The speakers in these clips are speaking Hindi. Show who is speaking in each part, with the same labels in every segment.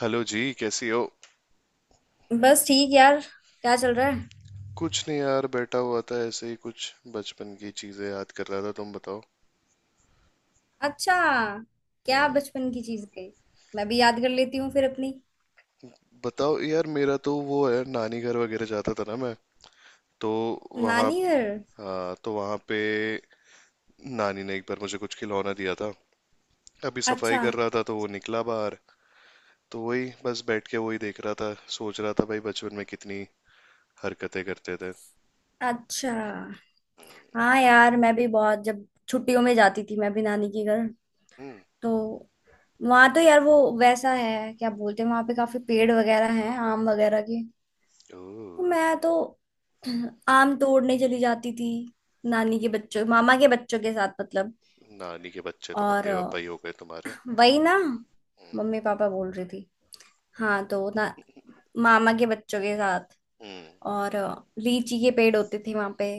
Speaker 1: हेलो जी, कैसी हो?
Speaker 2: बस ठीक यार। क्या चल रहा है?
Speaker 1: कुछ नहीं यार, बैठा हुआ था ऐसे ही, कुछ बचपन की चीजें याद कर रहा था। तुम बताओ।
Speaker 2: अच्छा, क्या
Speaker 1: हम्म।
Speaker 2: बचपन की चीज गई? मैं भी याद कर लेती हूँ फिर अपनी।
Speaker 1: बताओ यार, मेरा तो वो है, नानी घर वगैरह जाता था ना मैं, तो वहाँ।
Speaker 2: नानी घर।
Speaker 1: हाँ, तो वहाँ पे नानी ने एक बार मुझे कुछ खिलौना दिया था। अभी सफाई
Speaker 2: अच्छा।
Speaker 1: कर रहा था तो वो निकला बाहर। तो वही बस बैठ के वही देख रहा था, सोच रहा था भाई बचपन में कितनी हरकतें करते थे।
Speaker 2: अच्छा। हाँ यार, मैं भी बहुत जब छुट्टियों में जाती थी मैं भी नानी के घर,
Speaker 1: हम्म।
Speaker 2: तो वहां, तो यार वो वैसा है, क्या बोलते हैं, वहां पे काफी पेड़ वगैरह हैं, आम वगैरह के।
Speaker 1: ओह।
Speaker 2: तो मैं तो आम तोड़ने चली जाती थी, नानी के बच्चों मामा के बच्चों के साथ, मतलब।
Speaker 1: नानी के बच्चे तो
Speaker 2: और
Speaker 1: मम्मी
Speaker 2: अ,
Speaker 1: पापा ही हो गए तुम्हारे।
Speaker 2: वही ना।
Speaker 1: हम्म।
Speaker 2: मम्मी पापा बोल रही थी। हाँ तो ना, मामा के बच्चों के साथ।
Speaker 1: हम्म।
Speaker 2: और लीची के पेड़ होते थे वहां पे।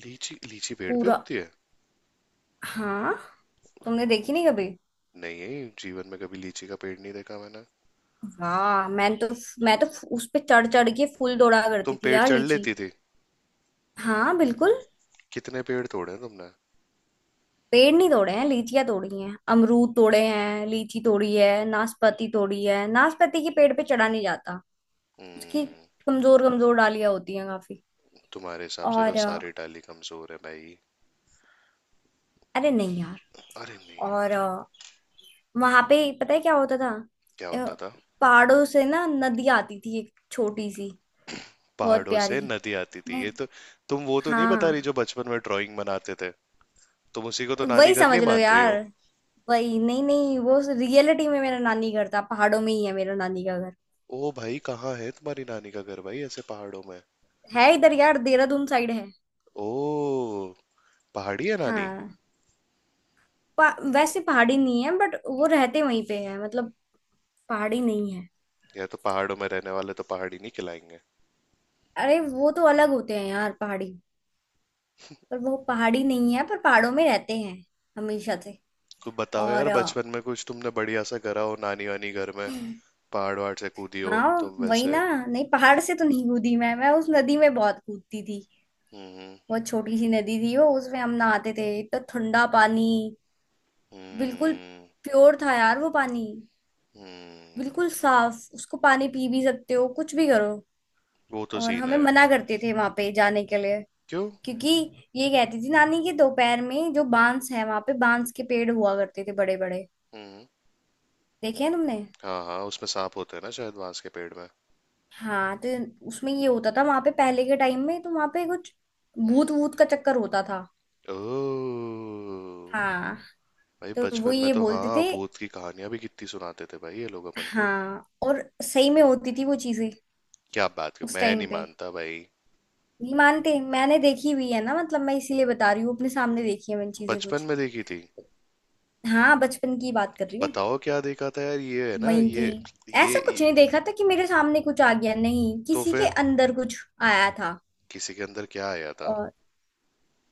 Speaker 1: लीची लीची पेड़ पे
Speaker 2: पूरा।
Speaker 1: उगती है?
Speaker 2: हाँ। तुमने देखी नहीं कभी?
Speaker 1: नहीं, जीवन में कभी लीची का पेड़ नहीं देखा मैंने।
Speaker 2: वाह, मैं तो उस पे चढ़ चढ़ के फूल तोड़ा
Speaker 1: तुम
Speaker 2: करती थी
Speaker 1: पेड़
Speaker 2: यार
Speaker 1: चढ़
Speaker 2: लीची।
Speaker 1: लेती थी?
Speaker 2: हाँ बिल्कुल।
Speaker 1: कितने पेड़ तोड़े हैं तुमने?
Speaker 2: पेड़ नहीं तोड़े हैं, लीचियां तोड़ी हैं, अमरूद तोड़े हैं, लीची तोड़ी है, नाशपाती तोड़ी है। नाशपाती के पेड़ पे चढ़ा नहीं जाता। उसकी
Speaker 1: हम्म।
Speaker 2: कमजोर कमजोर डालियां होती हैं काफी।
Speaker 1: तुम्हारे हिसाब से तो
Speaker 2: और
Speaker 1: सारी डाली कमजोर है भाई।
Speaker 2: अरे नहीं यार।
Speaker 1: अरे नहीं
Speaker 2: और
Speaker 1: यार।
Speaker 2: वहां पे पता है क्या होता था?
Speaker 1: क्या
Speaker 2: अ,
Speaker 1: होता था?
Speaker 2: पहाड़ों से ना नदी आती थी, एक छोटी सी, बहुत
Speaker 1: पहाड़ों से
Speaker 2: प्यारी।
Speaker 1: नदी आती थी
Speaker 2: मैं।
Speaker 1: ये तो? तुम वो तो नहीं बता रही
Speaker 2: हाँ
Speaker 1: जो बचपन में ड्राइंग बनाते थे? तुम उसी को तो नानी
Speaker 2: वही
Speaker 1: घर
Speaker 2: समझ
Speaker 1: नहीं
Speaker 2: लो
Speaker 1: मान रही
Speaker 2: यार।
Speaker 1: हो?
Speaker 2: वही, नहीं नहीं, वो रियलिटी में मेरा नानी घर था, पहाड़ों में ही है मेरा नानी का घर।
Speaker 1: ओ भाई, कहाँ है तुम्हारी नानी का घर भाई, ऐसे पहाड़ों में?
Speaker 2: है इधर यार, देहरादून साइड है।
Speaker 1: ओ। पहाड़ी है नानी?
Speaker 2: हाँ। पा, वैसे पहाड़ी नहीं है, बट वो रहते वहीं पे है मतलब। पहाड़ी नहीं है।
Speaker 1: या तो पहाड़ों में रहने वाले तो पहाड़ी नहीं खिलाएंगे।
Speaker 2: अरे वो तो अलग होते हैं यार पहाड़ी। पर वो पहाड़ी नहीं है, पर पहाड़ों में रहते हैं हमेशा से।
Speaker 1: कुछ बताओ यार,
Speaker 2: और
Speaker 1: बचपन में कुछ तुमने बढ़िया सा करा हो नानी वानी घर में।
Speaker 2: अ,
Speaker 1: पहाड़ वहाड़ से कूदी हो
Speaker 2: हाँ
Speaker 1: तुम
Speaker 2: वही
Speaker 1: वैसे?
Speaker 2: ना। नहीं, पहाड़ से तो नहीं कूदी मैं उस नदी में बहुत कूदती थी।
Speaker 1: हम्म,
Speaker 2: बहुत छोटी सी नदी थी वो, उसमें हम नहाते थे, इतना ठंडा पानी। बिल्कुल।
Speaker 1: हम्म,
Speaker 2: प्योर था यार वो पानी।
Speaker 1: हम्म।
Speaker 2: बिल्कुल साफ, उसको पानी पी भी सकते हो, कुछ भी करो।
Speaker 1: वो तो
Speaker 2: और
Speaker 1: सीन
Speaker 2: हमें
Speaker 1: है।
Speaker 2: मना करते थे वहां पे जाने के लिए।
Speaker 1: क्यों?
Speaker 2: क्योंकि ये कहती थी नानी कि दोपहर में जो बांस है, वहां पे बांस के पेड़ हुआ करते थे बड़े बड़े।
Speaker 1: हम्म।
Speaker 2: देखे हैं तुमने?
Speaker 1: हाँ हाँ, उसमें सांप होते हैं ना शायद, बांस के पेड़ में।
Speaker 2: हाँ, तो उसमें ये होता था, वहां पे पहले के टाइम में तो वहां पे कुछ भूत
Speaker 1: हम्म।
Speaker 2: वूत का चक्कर होता था।
Speaker 1: ओह।
Speaker 2: हाँ,
Speaker 1: भाई
Speaker 2: तो वो
Speaker 1: बचपन में
Speaker 2: ये
Speaker 1: तो
Speaker 2: बोलते
Speaker 1: हाँ,
Speaker 2: थे।
Speaker 1: भूत की कहानियां भी कितनी सुनाते थे भाई ये लोग अपन को।
Speaker 2: हाँ, और सही में होती थी वो चीजें
Speaker 1: क्या बात कर,
Speaker 2: उस
Speaker 1: मैं
Speaker 2: टाइम
Speaker 1: नहीं
Speaker 2: पे।
Speaker 1: मानता भाई।
Speaker 2: नहीं मानते? मैंने देखी हुई है ना, मतलब मैं इसीलिए बता रही हूँ, अपने सामने देखी है मैंने चीजें
Speaker 1: बचपन
Speaker 2: कुछ।
Speaker 1: में देखी थी?
Speaker 2: हाँ, बचपन की बात कर रही हूँ।
Speaker 1: बताओ क्या देखा था यार, ये है ना
Speaker 2: वहीं की।
Speaker 1: ये ये,
Speaker 2: ऐसा कुछ
Speaker 1: ये
Speaker 2: नहीं देखा था कि मेरे सामने कुछ आ गया, नहीं,
Speaker 1: तो
Speaker 2: किसी के
Speaker 1: फिर?
Speaker 2: अंदर कुछ आया था।
Speaker 1: किसी के अंदर क्या आया था?
Speaker 2: और,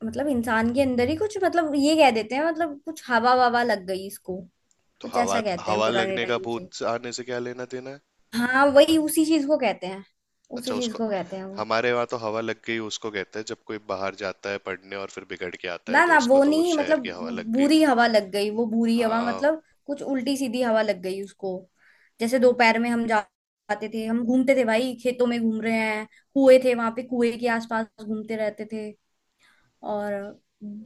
Speaker 2: मतलब इंसान के अंदर ही कुछ, मतलब ये कह देते हैं, मतलब कुछ हवा ववा लग गई इसको,
Speaker 1: तो
Speaker 2: कुछ
Speaker 1: हवा
Speaker 2: ऐसा कहते हैं
Speaker 1: हवा
Speaker 2: पुराने
Speaker 1: लगने का
Speaker 2: टाइम
Speaker 1: भूत
Speaker 2: से।
Speaker 1: से आने से क्या लेना देना?
Speaker 2: हाँ वही, उसी चीज को कहते हैं।
Speaker 1: अच्छा,
Speaker 2: उसी चीज
Speaker 1: उसको?
Speaker 2: को कहते हैं वो।
Speaker 1: हमारे वहाँ तो हवा लग गई उसको कहते हैं, जब कोई बाहर जाता है पढ़ने और फिर बिगड़ के आता है,
Speaker 2: ना
Speaker 1: तो
Speaker 2: ना,
Speaker 1: इसको
Speaker 2: वो
Speaker 1: तो
Speaker 2: नहीं
Speaker 1: उस शहर
Speaker 2: मतलब,
Speaker 1: की हवा लग गई।
Speaker 2: बुरी हवा लग गई, वो बुरी हवा,
Speaker 1: हाँ।
Speaker 2: मतलब कुछ उल्टी सीधी हवा लग गई उसको। जैसे दोपहर में जाते थे हम, घूमते थे भाई, खेतों में घूम रहे हैं, कुएं
Speaker 1: हम्म,
Speaker 2: थे वहां पे, कुएं के आसपास घूमते रहते थे। और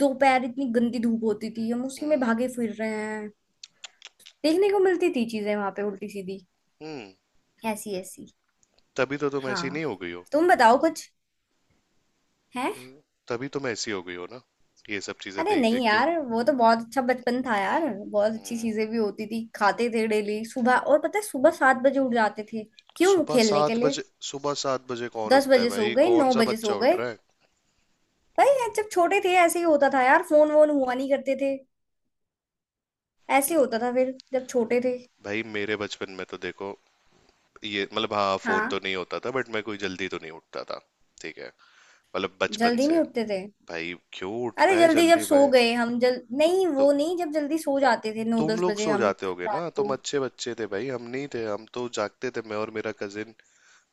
Speaker 2: दोपहर इतनी गंदी धूप होती थी, हम उसी में
Speaker 1: हम्म,
Speaker 2: भागे फिर रहे हैं। देखने को मिलती थी चीजें वहां पे, उल्टी सीधी,
Speaker 1: हम्म।
Speaker 2: ऐसी ऐसी।
Speaker 1: तभी तो तुम ऐसी नहीं
Speaker 2: हाँ।
Speaker 1: हो गई हो?
Speaker 2: तुम बताओ कुछ है।
Speaker 1: हम्म। तभी तुम ऐसी हो गई हो ना, ये सब चीजें
Speaker 2: अरे
Speaker 1: देख देख
Speaker 2: नहीं
Speaker 1: के।
Speaker 2: यार, वो तो बहुत अच्छा बचपन था यार। बहुत अच्छी
Speaker 1: हम्म।
Speaker 2: चीजें भी होती थी, खाते थे डेली सुबह। और पता है, सुबह 7 बजे उठ जाते थे। क्यों?
Speaker 1: सुबह
Speaker 2: खेलने के
Speaker 1: सात
Speaker 2: लिए।
Speaker 1: बजे सुबह सात बजे कौन
Speaker 2: दस
Speaker 1: उठता है
Speaker 2: बजे सो
Speaker 1: भाई,
Speaker 2: गए,
Speaker 1: कौन
Speaker 2: नौ
Speaker 1: सा
Speaker 2: बजे
Speaker 1: बच्चा
Speaker 2: सो
Speaker 1: उठ
Speaker 2: गए।
Speaker 1: रहा है?
Speaker 2: भाई यार, जब छोटे थे ऐसे ही होता था यार, फोन वोन हुआ नहीं करते थे। ऐसे ही होता था फिर जब छोटे थे।
Speaker 1: भाई मेरे बचपन में तो देखो, ये मतलब हाँ, फोन तो
Speaker 2: हाँ,
Speaker 1: नहीं होता था, बट मैं कोई जल्दी तो नहीं उठता था। ठीक है, मतलब बचपन
Speaker 2: जल्दी नहीं
Speaker 1: से।
Speaker 2: उठते थे।
Speaker 1: भाई क्यों
Speaker 2: अरे
Speaker 1: उठना है
Speaker 2: जल्दी जब
Speaker 1: जल्दी
Speaker 2: सो
Speaker 1: भाई?
Speaker 2: गए हम, जल नहीं,
Speaker 1: तो
Speaker 2: वो नहीं, जब जल्दी सो जाते थे नौ
Speaker 1: तुम
Speaker 2: दस
Speaker 1: लोग
Speaker 2: बजे
Speaker 1: सो
Speaker 2: हम,
Speaker 1: जाते होगे ना,
Speaker 2: रात को।
Speaker 1: तुम अच्छे बच्चे थे भाई, हम नहीं थे, हम तो जागते थे, मैं और मेरा कजिन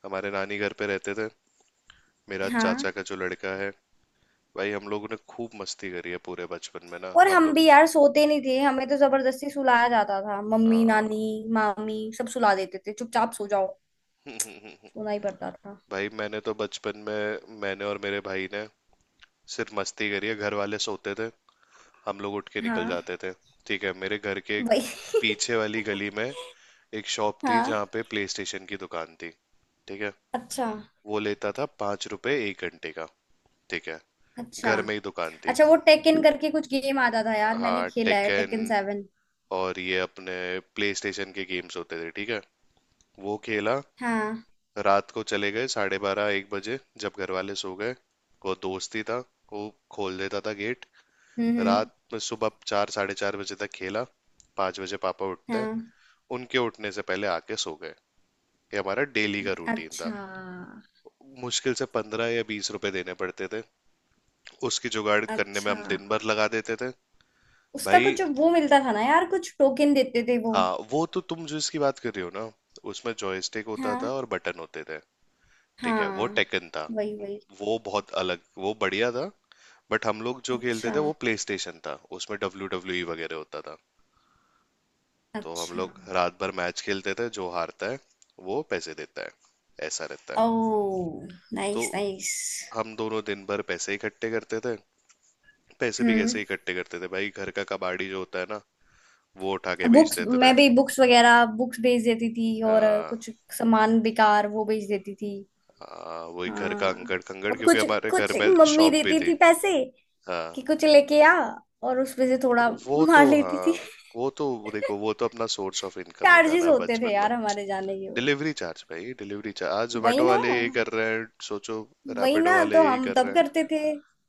Speaker 1: हमारे नानी घर पे रहते थे, मेरा चाचा
Speaker 2: हाँ,
Speaker 1: का जो लड़का है। भाई, हम लोगों ने खूब मस्ती करी है पूरे बचपन में ना
Speaker 2: और
Speaker 1: हम
Speaker 2: हम
Speaker 1: लोग।
Speaker 2: भी यार सोते नहीं थे, हमें तो जबरदस्ती सुलाया जाता था। मम्मी,
Speaker 1: हाँ।
Speaker 2: नानी, मामी सब सुला देते थे, चुपचाप सो जाओ। सोना ही पड़ता था।
Speaker 1: भाई, मैंने तो बचपन में मैंने और मेरे भाई ने सिर्फ मस्ती करी है। घर वाले सोते थे, हम लोग उठ के निकल
Speaker 2: हाँ
Speaker 1: जाते थे। ठीक है, मेरे घर के
Speaker 2: वही।
Speaker 1: पीछे वाली गली में एक शॉप थी
Speaker 2: हाँ।
Speaker 1: जहाँ पे प्ले स्टेशन की दुकान थी। ठीक है।
Speaker 2: अच्छा।
Speaker 1: वो लेता था 5 रुपए एक घंटे का। ठीक है,
Speaker 2: अच्छा।
Speaker 1: घर में ही दुकान थी।
Speaker 2: अच्छा, वो टेकन करके कुछ गेम आता था यार, मैंने
Speaker 1: हाँ,
Speaker 2: खेला है
Speaker 1: टेकन।
Speaker 2: टेकन 7।
Speaker 1: और ये अपने प्ले स्टेशन के गेम्स होते थे, ठीक है, वो खेला।
Speaker 2: हाँ।
Speaker 1: रात को चले गए 12:30 1 बजे, जब घर वाले सो गए। वो दोस्त ही था, वो खोल देता था गेट।
Speaker 2: हम्म।
Speaker 1: रात में सुबह 4 4:30 बजे तक खेला। 5 बजे पापा उठते हैं,
Speaker 2: हाँ।
Speaker 1: उनके उठने से पहले आके सो गए। ये हमारा डेली का रूटीन था।
Speaker 2: अच्छा।
Speaker 1: मुश्किल से 15 या 20 रुपए देने पड़ते थे, उसकी जुगाड़ करने में
Speaker 2: अच्छा,
Speaker 1: हम दिन भर लगा देते थे।
Speaker 2: उसका
Speaker 1: भाई,
Speaker 2: कुछ वो मिलता था ना यार, कुछ टोकन देते थे वो।
Speaker 1: हाँ वो तो, तुम जो इसकी बात कर रही हो ना, उसमें जॉयस्टिक होता था
Speaker 2: हाँ।
Speaker 1: और बटन होते थे, ठीक है, वो
Speaker 2: हाँ।
Speaker 1: टेकन था।
Speaker 2: वही वही।
Speaker 1: वो बहुत अलग, वो बढ़िया था। बट हम लोग जो खेलते
Speaker 2: अच्छा।
Speaker 1: थे वो प्ले स्टेशन था, उसमें WWE वगैरह होता था। तो हम
Speaker 2: अच्छा।
Speaker 1: लोग रात भर मैच खेलते थे, जो हारता है वो पैसे देता है, ऐसा रहता है।
Speaker 2: ओह।
Speaker 1: तो
Speaker 2: नाइस नाइस।
Speaker 1: हम दोनों दिन भर पैसे इकट्ठे करते थे। पैसे भी
Speaker 2: हम्म।
Speaker 1: कैसे इकट्ठे करते थे भाई, घर का कबाड़ी जो होता है ना, वो उठा के बेच
Speaker 2: बुक्स,
Speaker 1: देते
Speaker 2: मैं
Speaker 1: थे।
Speaker 2: भी बुक्स वगैरह बुक्स भेज देती थी, और
Speaker 1: आ,
Speaker 2: कुछ सामान बेकार वो भेज देती थी।
Speaker 1: आ, वही घर का
Speaker 2: हाँ,
Speaker 1: अंकड़ कंकड़,
Speaker 2: और
Speaker 1: क्योंकि
Speaker 2: कुछ,
Speaker 1: हमारे घर
Speaker 2: कुछ
Speaker 1: में
Speaker 2: मम्मी
Speaker 1: शॉप भी
Speaker 2: देती थी
Speaker 1: थी।
Speaker 2: पैसे
Speaker 1: हाँ।
Speaker 2: कि कुछ लेके आ, और उसमें से थोड़ा
Speaker 1: वो तो
Speaker 2: मार लेती
Speaker 1: हाँ,
Speaker 2: थी।
Speaker 1: वो तो देखो, वो तो अपना सोर्स ऑफ इनकम ही था
Speaker 2: चार्जेस
Speaker 1: ना
Speaker 2: होते थे
Speaker 1: बचपन में।
Speaker 2: यार हमारे जाने के वो।
Speaker 1: डिलीवरी चार्ज भाई, डिलीवरी चार्ज आज
Speaker 2: वही
Speaker 1: जोमेटो
Speaker 2: ना।
Speaker 1: वाले यही कर रहे हैं, सोचो।
Speaker 2: वही
Speaker 1: रैपिडो
Speaker 2: ना,
Speaker 1: वाले
Speaker 2: तो
Speaker 1: यही
Speaker 2: हम
Speaker 1: कर
Speaker 2: तब
Speaker 1: रहे हैं।
Speaker 2: करते थे।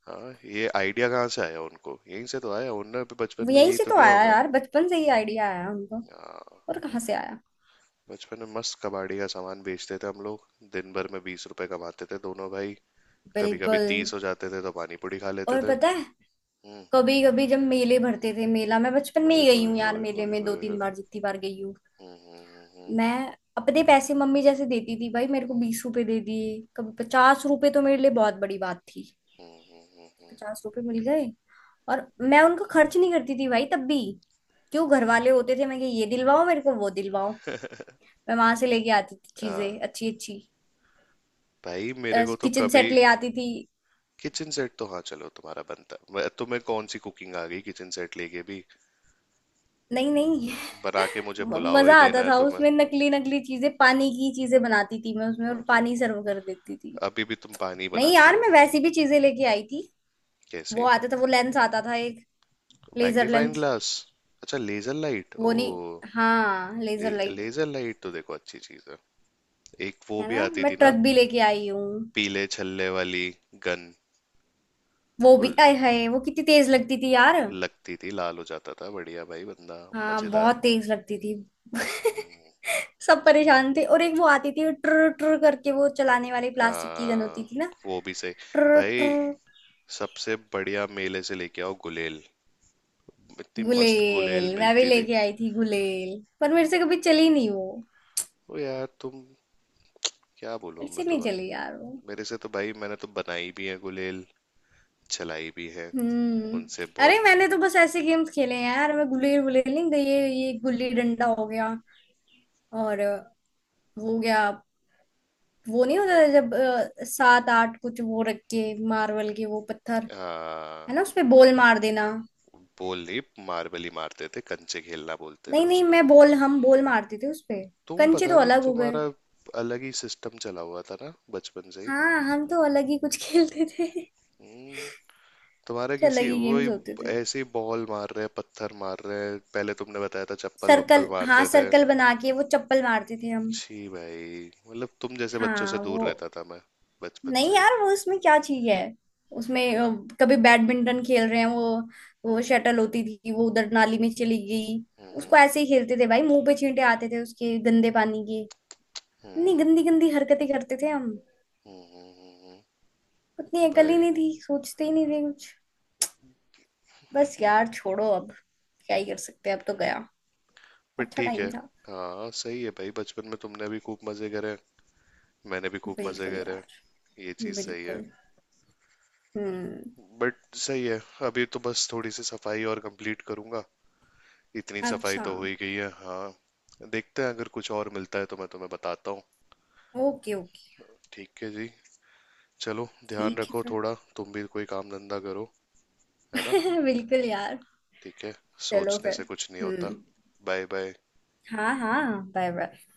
Speaker 1: हाँ, ये आइडिया कहाँ से आया उनको, यहीं से तो आया, उन्होंने भी बचपन में
Speaker 2: यहीं
Speaker 1: यही
Speaker 2: से
Speaker 1: तो
Speaker 2: तो
Speaker 1: किया
Speaker 2: आया
Speaker 1: होगा।
Speaker 2: यार, बचपन से ही आइडिया आया हमको।
Speaker 1: हाँ।
Speaker 2: और कहाँ से आया?
Speaker 1: बचपन में मस्त कबाड़ी का सामान बेचते थे हम लोग। दिन भर में 20 रुपए कमाते थे दोनों भाई। कभी कभी
Speaker 2: बिल्कुल।
Speaker 1: 30 हो जाते थे तो पानी पूरी खा लेते
Speaker 2: और
Speaker 1: थे।
Speaker 2: पता है,
Speaker 1: हम्म।
Speaker 2: कभी कभी जब मेले भरते थे, मेला मैं बचपन में
Speaker 1: ओए
Speaker 2: ही गई
Speaker 1: होए
Speaker 2: हूँ यार,
Speaker 1: होए
Speaker 2: मेले
Speaker 1: होए
Speaker 2: में दो
Speaker 1: होए होए।
Speaker 2: तीन बार जितनी बार गई हूँ
Speaker 1: हम्म, हम्म, हम्म,
Speaker 2: मैं, अपने पैसे, मम्मी जैसे देती थी भाई, मेरे को
Speaker 1: हम्म,
Speaker 2: 20 रुपए दे दिए, कभी 50 रुपए, तो मेरे लिए बहुत बड़ी बात थी।
Speaker 1: हम्म, हम्म,
Speaker 2: 50 रुपए मिल गए, और मैं उनको खर्च नहीं करती थी भाई तब भी। जो घर वाले होते थे, मैं कि ये दिलवाओ मेरे को, वो दिलवाओ। मैं वहां से लेके आती थी
Speaker 1: हम्म। हाँ।
Speaker 2: चीजें अच्छी अच्छी।
Speaker 1: भाई मेरे को तो
Speaker 2: किचन
Speaker 1: कभी।
Speaker 2: सेट ले आती थी।
Speaker 1: किचन सेट तो हाँ, चलो तुम्हारा बनता, तुम्हें कौन सी कुकिंग आ गई किचन सेट लेके भी।
Speaker 2: नहीं नहीं।
Speaker 1: बना के मुझे पुलाव ही
Speaker 2: मजा
Speaker 1: देना
Speaker 2: आता
Speaker 1: है
Speaker 2: था
Speaker 1: तुम्हें।
Speaker 2: उसमें, नकली नकली चीजें, पानी की चीजें बनाती थी मैं उसमें
Speaker 1: हाँ,
Speaker 2: और पानी
Speaker 1: तो
Speaker 2: सर्व कर देती थी।
Speaker 1: अभी भी तुम पानी
Speaker 2: नहीं
Speaker 1: बनाती
Speaker 2: यार,
Speaker 1: हो?
Speaker 2: मैं वैसी भी चीजें लेके आई थी। वो
Speaker 1: कैसे?
Speaker 2: आता था, वो लेंस आता था एक, लेजर
Speaker 1: मैग्नीफाइंग
Speaker 2: लेंस।
Speaker 1: ग्लास। अच्छा, लेजर लाइट,
Speaker 2: वो नहीं,
Speaker 1: ओ।
Speaker 2: हाँ
Speaker 1: ले,
Speaker 2: लेजर लाइट।
Speaker 1: लेजर लाइट तो देखो अच्छी चीज है। एक वो
Speaker 2: है
Speaker 1: भी
Speaker 2: ना?
Speaker 1: आती
Speaker 2: मैं
Speaker 1: थी
Speaker 2: ट्रक
Speaker 1: ना,
Speaker 2: भी लेके आई हूँ।
Speaker 1: पीले छल्ले वाली गन।
Speaker 2: वो
Speaker 1: वो
Speaker 2: भी आए, हाय वो कितनी तेज लगती थी यार।
Speaker 1: लगती थी, लाल हो जाता था बढ़िया भाई बंदा।
Speaker 2: हाँ बहुत
Speaker 1: मजेदार।
Speaker 2: तेज लगती थी। सब परेशान थे। और एक वो आती थी ट्र ट्र करके, वो चलाने वाली प्लास्टिक की गन होती
Speaker 1: हाँ,
Speaker 2: थी ना,
Speaker 1: वो भी सही।
Speaker 2: ट्र ट्र।
Speaker 1: भाई, सबसे बढ़िया मेले से लेके आओ गुलेल। इतनी मस्त गुलेल
Speaker 2: गुलेल, मैं भी
Speaker 1: मिलती थी।
Speaker 2: लेके आई थी गुलेल, पर मेरे से कभी चली नहीं वो।
Speaker 1: ओ यार तुम, क्या बोलूं
Speaker 2: मेरे
Speaker 1: मैं
Speaker 2: से नहीं
Speaker 1: तुम्हें।
Speaker 2: चली यार वो।
Speaker 1: मेरे से तो भाई, मैंने तो बनाई भी है गुलेल, चलाई भी है,
Speaker 2: हम्म।
Speaker 1: उनसे बहुत।
Speaker 2: अरे मैंने तो बस ऐसे गेम्स खेले हैं यार, मैं गुलेल गुलेल नहीं गई, ये गुल्ली डंडा हो गया। और वो हो गया। वो नहीं होता था, जब 7-8 कुछ वो रख के, मार्बल के वो पत्थर,
Speaker 1: आ,
Speaker 2: है ना, उसपे बॉल मार देना।
Speaker 1: बोल नहीं, मार्बल ही मारते थे, कंचे खेलना बोलते थे
Speaker 2: नहीं नहीं,
Speaker 1: उसको।
Speaker 2: मैं बॉल हम बॉल मारते थे उसपे।
Speaker 1: तुम
Speaker 2: कंचे
Speaker 1: पता
Speaker 2: तो
Speaker 1: नहीं,
Speaker 2: अलग हो गए।
Speaker 1: तुम्हारा अलग ही सिस्टम चला हुआ था ना बचपन से ही।
Speaker 2: हाँ, हम तो अलग ही कुछ खेलते थे कुछ।
Speaker 1: हम्म। तुम्हारा
Speaker 2: अलग
Speaker 1: किसी
Speaker 2: ही
Speaker 1: वही,
Speaker 2: गेम्स होते थे।
Speaker 1: ऐसे ही बॉल मार रहे हैं, पत्थर मार रहे हैं, पहले तुमने बताया था चप्पल
Speaker 2: सर्कल,
Speaker 1: वप्पल
Speaker 2: हाँ
Speaker 1: मारते थे।
Speaker 2: सर्कल बना के वो चप्पल मारते थे हम।
Speaker 1: छी भाई, मतलब तुम जैसे बच्चों से
Speaker 2: हाँ
Speaker 1: दूर
Speaker 2: वो।
Speaker 1: रहता था मैं बचपन से
Speaker 2: नहीं
Speaker 1: ही।
Speaker 2: यार, वो उसमें क्या चीज है, उसमें कभी बैडमिंटन खेल रहे हैं वो
Speaker 1: हम्म,
Speaker 2: शटल होती थी, वो उधर नाली में चली गई।
Speaker 1: हम्म,
Speaker 2: उसको ऐसे ही खेलते थे भाई, मुंह पे छींटे आते थे उसके गंदे पानी के। इतनी
Speaker 1: हम्म,
Speaker 2: गंदी गंदी हरकतें करते थे हम।
Speaker 1: हम्म, हम्म, हम्म।
Speaker 2: उतनी अकल ही
Speaker 1: भाई,
Speaker 2: नहीं थी, सोचते ही नहीं थे कुछ। बस यार छोड़ो अब, क्या ही कर सकते हैं, अब तो गया।
Speaker 1: पर
Speaker 2: अच्छा
Speaker 1: ठीक है।
Speaker 2: टाइम था।
Speaker 1: हाँ सही है भाई, बचपन में तुमने भी खूब मजे करे हैं, मैंने भी खूब मजे
Speaker 2: बिल्कुल
Speaker 1: करे हैं,
Speaker 2: यार।
Speaker 1: ये चीज सही है।
Speaker 2: बिल्कुल। हम्म।
Speaker 1: बट सही है, अभी तो बस थोड़ी सी सफाई और कंप्लीट करूंगा, इतनी सफाई
Speaker 2: अच्छा।
Speaker 1: तो हो ही गई है। हाँ, देखते हैं, अगर कुछ और मिलता है तो मैं तुम्हें बताता हूँ।
Speaker 2: Okay okay.
Speaker 1: ठीक है जी, चलो ध्यान
Speaker 2: ठीक
Speaker 1: रखो,
Speaker 2: है।
Speaker 1: थोड़ा तुम भी कोई काम धंधा करो, है ना?
Speaker 2: फिर बिल्कुल यार।
Speaker 1: ठीक है,
Speaker 2: चलो
Speaker 1: सोचने
Speaker 2: फिर।
Speaker 1: से कुछ नहीं होता।
Speaker 2: हम्म।
Speaker 1: Bye bye.
Speaker 2: हाँ हाँ बाय बाय।